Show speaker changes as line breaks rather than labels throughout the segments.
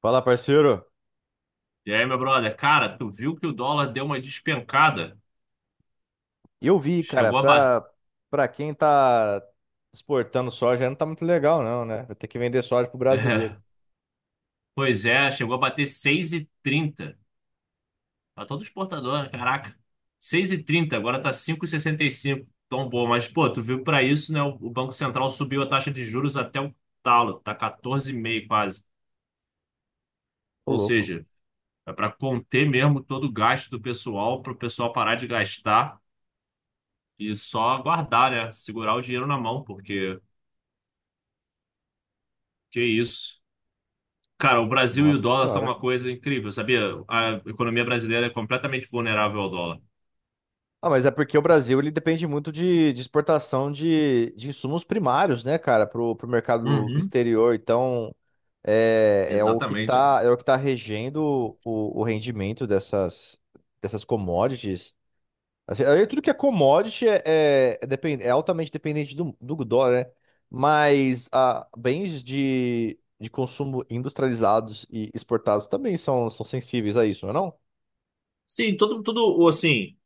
Fala, parceiro.
E aí, meu brother, cara, tu viu que o dólar deu uma despencada?
Eu vi, cara,
Chegou a bater.
pra, pra quem tá exportando soja não tá muito legal, não, né? Vai ter que vender soja pro brasileiro.
Pois é, chegou a bater 6,30. Tá todo exportador, né? Caraca. 6,30. Agora tá 5,65. Tão bom, mas pô, tu viu pra isso, né? O Banco Central subiu a taxa de juros até o talo, tá 14,5 quase.
Ô,
Ou
louco.
seja, é pra conter mesmo todo o gasto do pessoal, pro pessoal parar de gastar e só guardar, né? Segurar o dinheiro na mão, porque que isso. Cara, o Brasil e o
Nossa
dólar são
senhora.
uma coisa incrível, sabia? A economia brasileira é completamente vulnerável ao dólar.
Ah, mas é porque o Brasil, ele depende muito de exportação de insumos primários, né, cara, pro mercado
Uhum,
exterior. Então, é o que
exatamente.
tá, é o que tá regendo o rendimento dessas, dessas commodities. Assim, aí tudo que é commodity é depen- é altamente dependente do dólar, né? Mas ah, bens de consumo industrializados e exportados também são sensíveis a isso, não é não?
Sim, todo o, assim,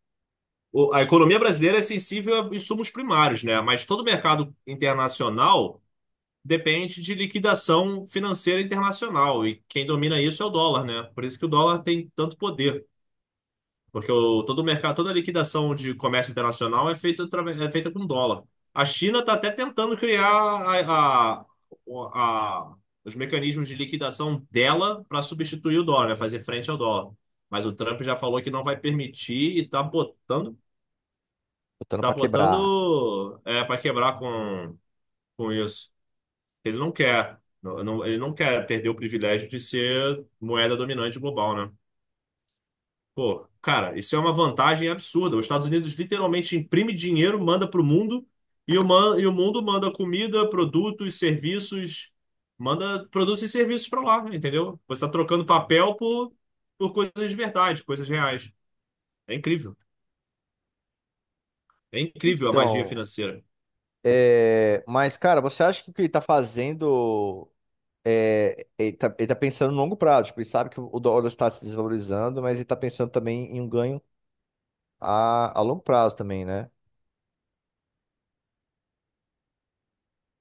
a economia brasileira é sensível a insumos primários, né? Mas todo mercado internacional depende de liquidação financeira internacional e quem domina isso é o dólar, né? Por isso que o dólar tem tanto poder. Porque o, todo o mercado, toda a liquidação de comércio internacional é feita com dólar. A China está até tentando criar o- a- os mecanismos de liquidação dela para substituir o dólar, né? Fazer frente ao dólar. Mas o Trump já falou que não vai permitir e
Botando
tá
para quebrar.
botando para quebrar com isso. Ele não quer perder o privilégio de ser moeda dominante global, né? Pô, cara, isso é uma vantagem absurda. Os Estados Unidos literalmente imprime dinheiro, manda para o mundo, e o mundo manda comida, produtos, serviços, manda produtos e serviços para lá, entendeu? Você está trocando papel por coisas de verdade, coisas reais. É incrível. É incrível a magia
Então,
financeira.
é, mas, cara, você acha que o que ele tá fazendo, é, ele tá pensando no longo prazo. Tipo, ele sabe que o dólar está se desvalorizando, mas ele tá pensando também em um ganho a longo prazo também, né?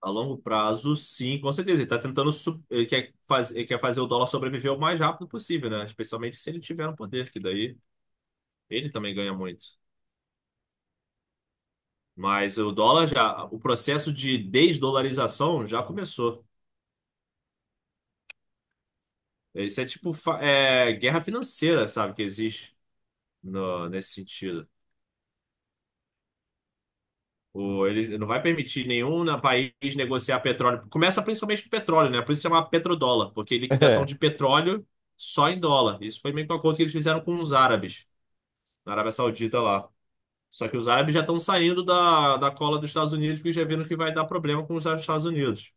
A longo prazo, sim, com certeza. Ele tá tentando. Ele quer fazer o dólar sobreviver o mais rápido possível, né? Especialmente se ele tiver no poder, que daí ele também ganha muito. Mas o dólar já. O processo de desdolarização já começou. Isso é tipo guerra financeira, sabe? Que existe no... nesse sentido. Ele não vai permitir nenhum país negociar petróleo. Começa principalmente com petróleo, né? Por isso chama petrodólar, porque liquidação
É,
de petróleo só em dólar. Isso foi meio que um acordo que eles fizeram com os árabes. Na Arábia Saudita lá. Só que os árabes já estão saindo da cola dos Estados Unidos, porque já viram que vai dar problema com os Estados Unidos.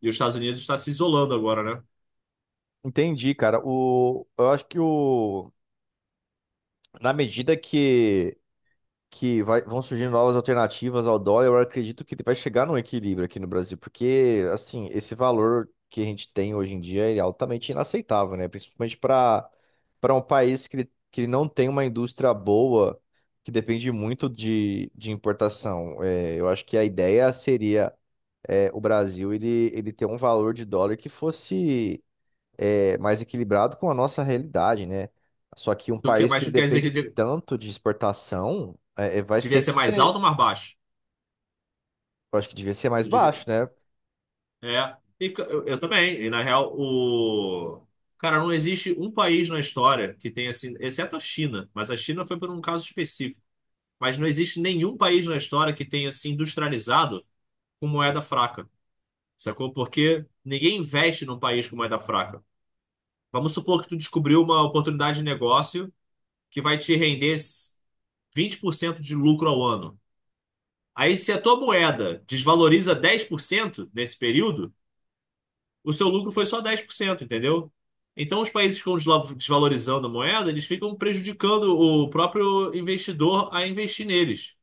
E os Estados Unidos está se isolando agora, né?
entendi, cara. O, eu acho que o. Na medida que vão surgindo novas alternativas ao dólar, eu acredito que ele vai chegar num equilíbrio aqui no Brasil, porque, assim, esse valor que a gente tem hoje em dia ele é altamente inaceitável, né? Principalmente para um país que, que ele não tem uma indústria boa, que depende muito de importação. É, eu acho que a ideia seria é, o Brasil ele ter um valor de dólar que fosse é, mais equilibrado com a nossa realidade, né? Só que um país
Mas
que
tu quer dizer que
depende tanto de exportação, vai
devia
sempre
ser mais alto
ser,
ou mais baixo?
eu acho que devia ser mais
Tu devia-
baixo, né?
É. Eu também. E na real, o. Cara, não existe um país na história que tenha assim, exceto a China, mas a China foi por um caso específico. Mas não existe nenhum país na história que tenha se industrializado com moeda fraca. Sacou? Porque ninguém investe num país com moeda fraca. Vamos supor que tu descobriu uma oportunidade de negócio que vai te render 20% de lucro ao ano. Aí, se a tua moeda desvaloriza 10% nesse período, o seu lucro foi só 10%, entendeu? Então, os países que ficam desvalorizando a moeda, eles ficam prejudicando o próprio investidor a investir neles.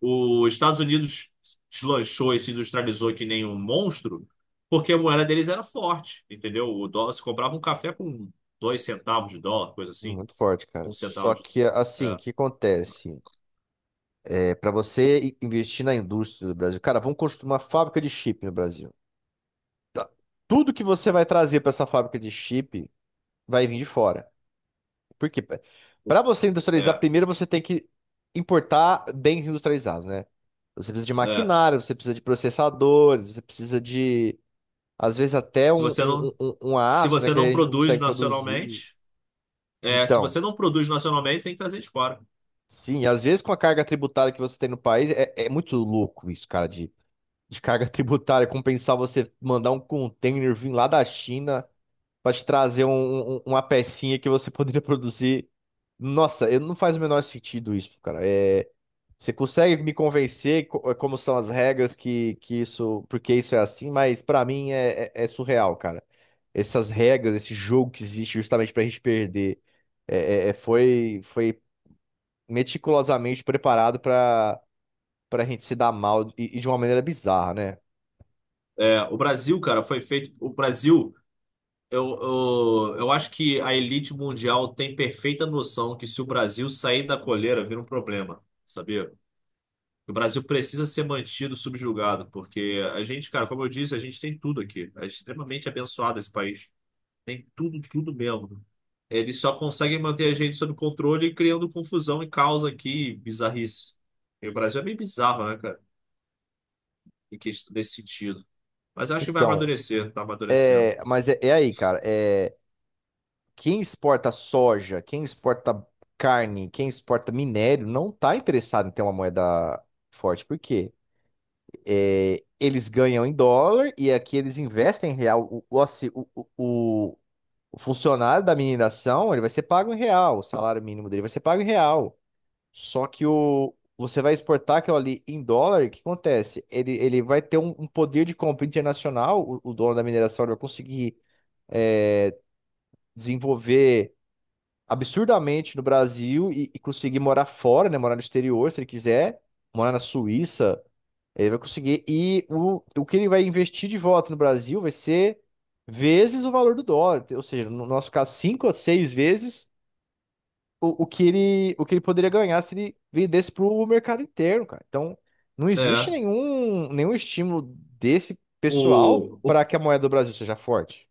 Os Estados Unidos deslanchou e se industrializou que nem um monstro, porque a moeda deles era forte, entendeu? O dólar, se comprava um café com 2 centavos de dólar, coisa assim.
Muito forte, cara.
Um
Só
centavo de.
que, assim, o
É,
que acontece? É, para você i- investir na indústria do Brasil, cara, vamos construir uma fábrica de chip no Brasil. Tá. Tudo que você vai trazer para essa fábrica de chip vai vir de fora. Porque para você industrializar,
é,
primeiro você tem que importar bens industrializados, né? Você precisa de
é.
maquinário, você precisa de processadores, você precisa de, às vezes, até
Se
um,
você
um,
não,
um, um um
Se
aço, né?
você
Que
não
a gente não
produz
consegue produzir.
nacionalmente, se
Então,
você não produz nacionalmente, você tem que trazer de fora.
sim, às vezes com a carga tributária que você tem no país, é, é muito louco isso, cara, de carga tributária, compensar você mandar um container vir lá da China para te trazer um, uma pecinha que você poderia produzir. Nossa, eu- não faz o menor sentido isso, cara. É, você consegue me convencer co- eh, como são as regras que isso, porque isso é assim, mas pra mim é, é surreal, cara. Essas regras, esse jogo que existe justamente pra gente perder, é- foi meticulosamente preparado pra, pra gente se dar mal e de uma maneira bizarra, né?
É, o Brasil, cara, foi feito. O Brasil, eu, eu acho que a elite mundial tem perfeita noção que se o Brasil sair da coleira, vira um problema, sabia? O Brasil precisa ser mantido subjugado, porque a gente, cara, como eu disse, a gente tem tudo aqui. A gente é extremamente abençoado esse país. Tem tudo, tudo mesmo. Eles só conseguem manter a gente sob controle criando confusão e caos aqui, bizarrice. E o Brasil é bem bizarro, né, cara? Em questão desse sentido. Mas eu acho que vai
Então,
amadurecer, tá amadurecendo.
é, mas é, é aí, cara. É, quem exporta soja, quem exporta carne, quem exporta minério, não tá interessado em ter uma moeda forte. Por quê? É, eles ganham em dólar e aqui eles investem em real. Assi- o- o funcionário da mineração, ele vai ser pago em real. O salário mínimo dele vai ser pago em real. Só que o, você vai exportar aquilo ali em dólar, o que acontece? Ele vai ter um, um poder de compra internacional, o dono da mineração ele vai conseguir desenvolver absurdamente no Brasil e conseguir morar fora, né? Morar no exterior, se ele quiser. Morar na Suíça, ele vai conseguir. E o que ele vai investir de volta no Brasil vai ser vezes o valor do dólar. Ou seja, no nosso caso, cinco a seis vezes o que ele poderia ganhar se ele vendesse para o mercado interno, cara. Então, não existe
É.
nenhum estímulo desse pessoal
O, o,
para que a moeda do Brasil seja forte.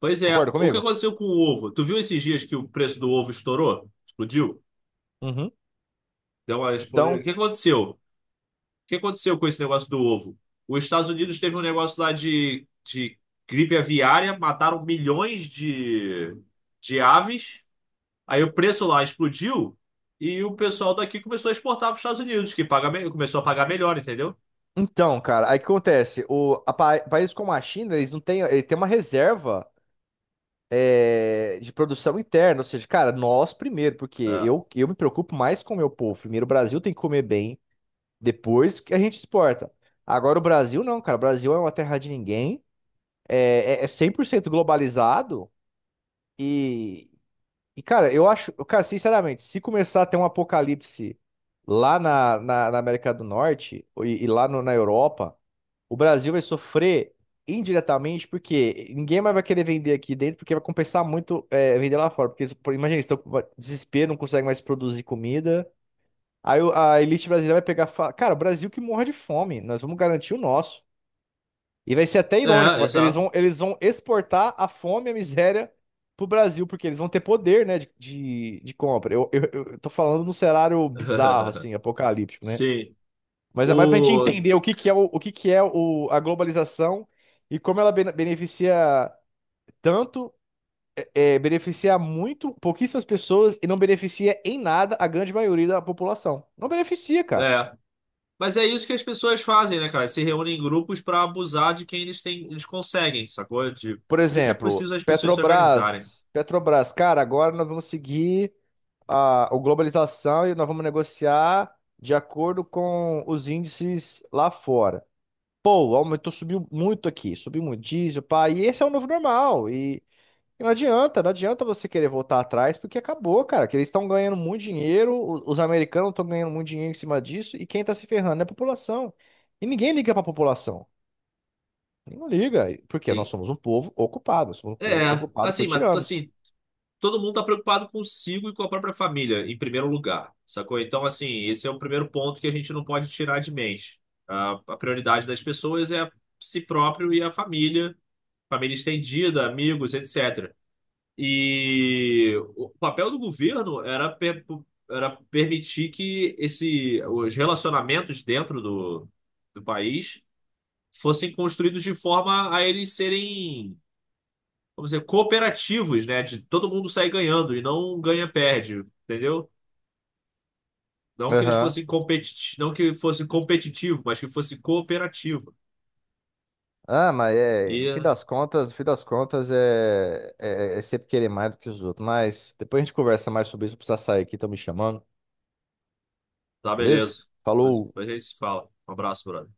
pois é,
Concorda
o que
comigo?
aconteceu com o ovo? Tu viu esses dias que o preço do ovo estourou? Explodiu?
Uhum.
Deu uma explodida. O
Então,
que aconteceu? O que aconteceu com esse negócio do ovo? Os Estados Unidos teve um negócio lá de gripe aviária, mataram milhões de aves. Aí o preço lá explodiu e o pessoal daqui começou a exportar para os Estados Unidos, que começou a pagar melhor, entendeu?
então, cara, aí o que acontece? O, a pa- países como a China, eles não têm, ele tem uma reserva. É, de produção interna, ou seja, cara, nós primeiro, porque
É,
eu me preocupo mais com o meu povo. Primeiro, o Brasil tem que comer bem, depois que a gente exporta. Agora, o Brasil não, cara, o Brasil é uma terra de ninguém, é 100% globalizado e, e, cara, eu acho, cara, sinceramente, se começar a ter um apocalipse lá na América do Norte e lá na Europa. O Brasil vai sofrer indiretamente porque ninguém mais vai querer vender aqui dentro porque vai compensar muito é, vender lá fora. Porque, por- imagina, eles estão com desespero, não conseguem mais produzir comida. Aí a elite brasileira vai pegar e falar, cara, o Brasil que morre de fome, nós vamos garantir o nosso. E vai ser até irônico,
exato.
eles vão exportar a fome e a miséria pro Brasil, porque eles vão ter poder, né, de, de compra. Eu tô falando num cenário bizarro, assim, apocalíptico, né?
Sim.
Mas é mais pra gente
O...
entender o que que é, o que que é o, a globalização e como ela bene- beneficia tanto, é, beneficia muito pouquíssimas pessoas e não beneficia em nada a grande maioria da população. Não beneficia, cara.
É. Mas é isso que as pessoas fazem, né, cara? Se reúnem em grupos para abusar de quem eles têm, eles conseguem, sacou? De...
Por
Por isso que é
exemplo,
preciso as pessoas se organizarem.
Petrobras. Petrobras, cara, agora nós vamos seguir a globalização e nós vamos negociar de acordo com os índices lá fora. Pô, aumentou, subiu muito aqui, subiu muito diesel, pá, e esse é o novo normal. E não adianta, não adianta você querer voltar atrás, porque acabou, cara, que eles estão ganhando muito dinheiro, os americanos estão ganhando muito dinheiro em cima disso, e quem está se ferrando é a população. E ninguém liga para a população. Ninguém liga, porque nós
Sim.
somos um povo ocupado, somos um povo
É,
ocupado por
assim, mas
tiranos.
assim, todo mundo está preocupado consigo e com a própria família, em primeiro lugar, sacou? Então, assim, esse é o primeiro ponto que a gente não pode tirar de mente. A prioridade das pessoas é si próprio e a família, família estendida, amigos, etc. E o papel do governo era permitir que esse, os relacionamentos dentro do país fossem construídos de forma a eles serem vamos dizer, cooperativos, né? De todo mundo sair ganhando e não ganha-perde, entendeu? Não que eles
Aham.
fossem competitivos, não que fosse competitivo, mas que fosse cooperativo.
Ah, mas é, no fim
E
das contas, no fim das contas é sempre querer mais do que os outros. Mas depois a gente conversa mais sobre isso, precisa sair aqui, estão me chamando,
tá
beleza?
beleza. Depois
Falou!
depois a gente se fala. Um abraço, brother.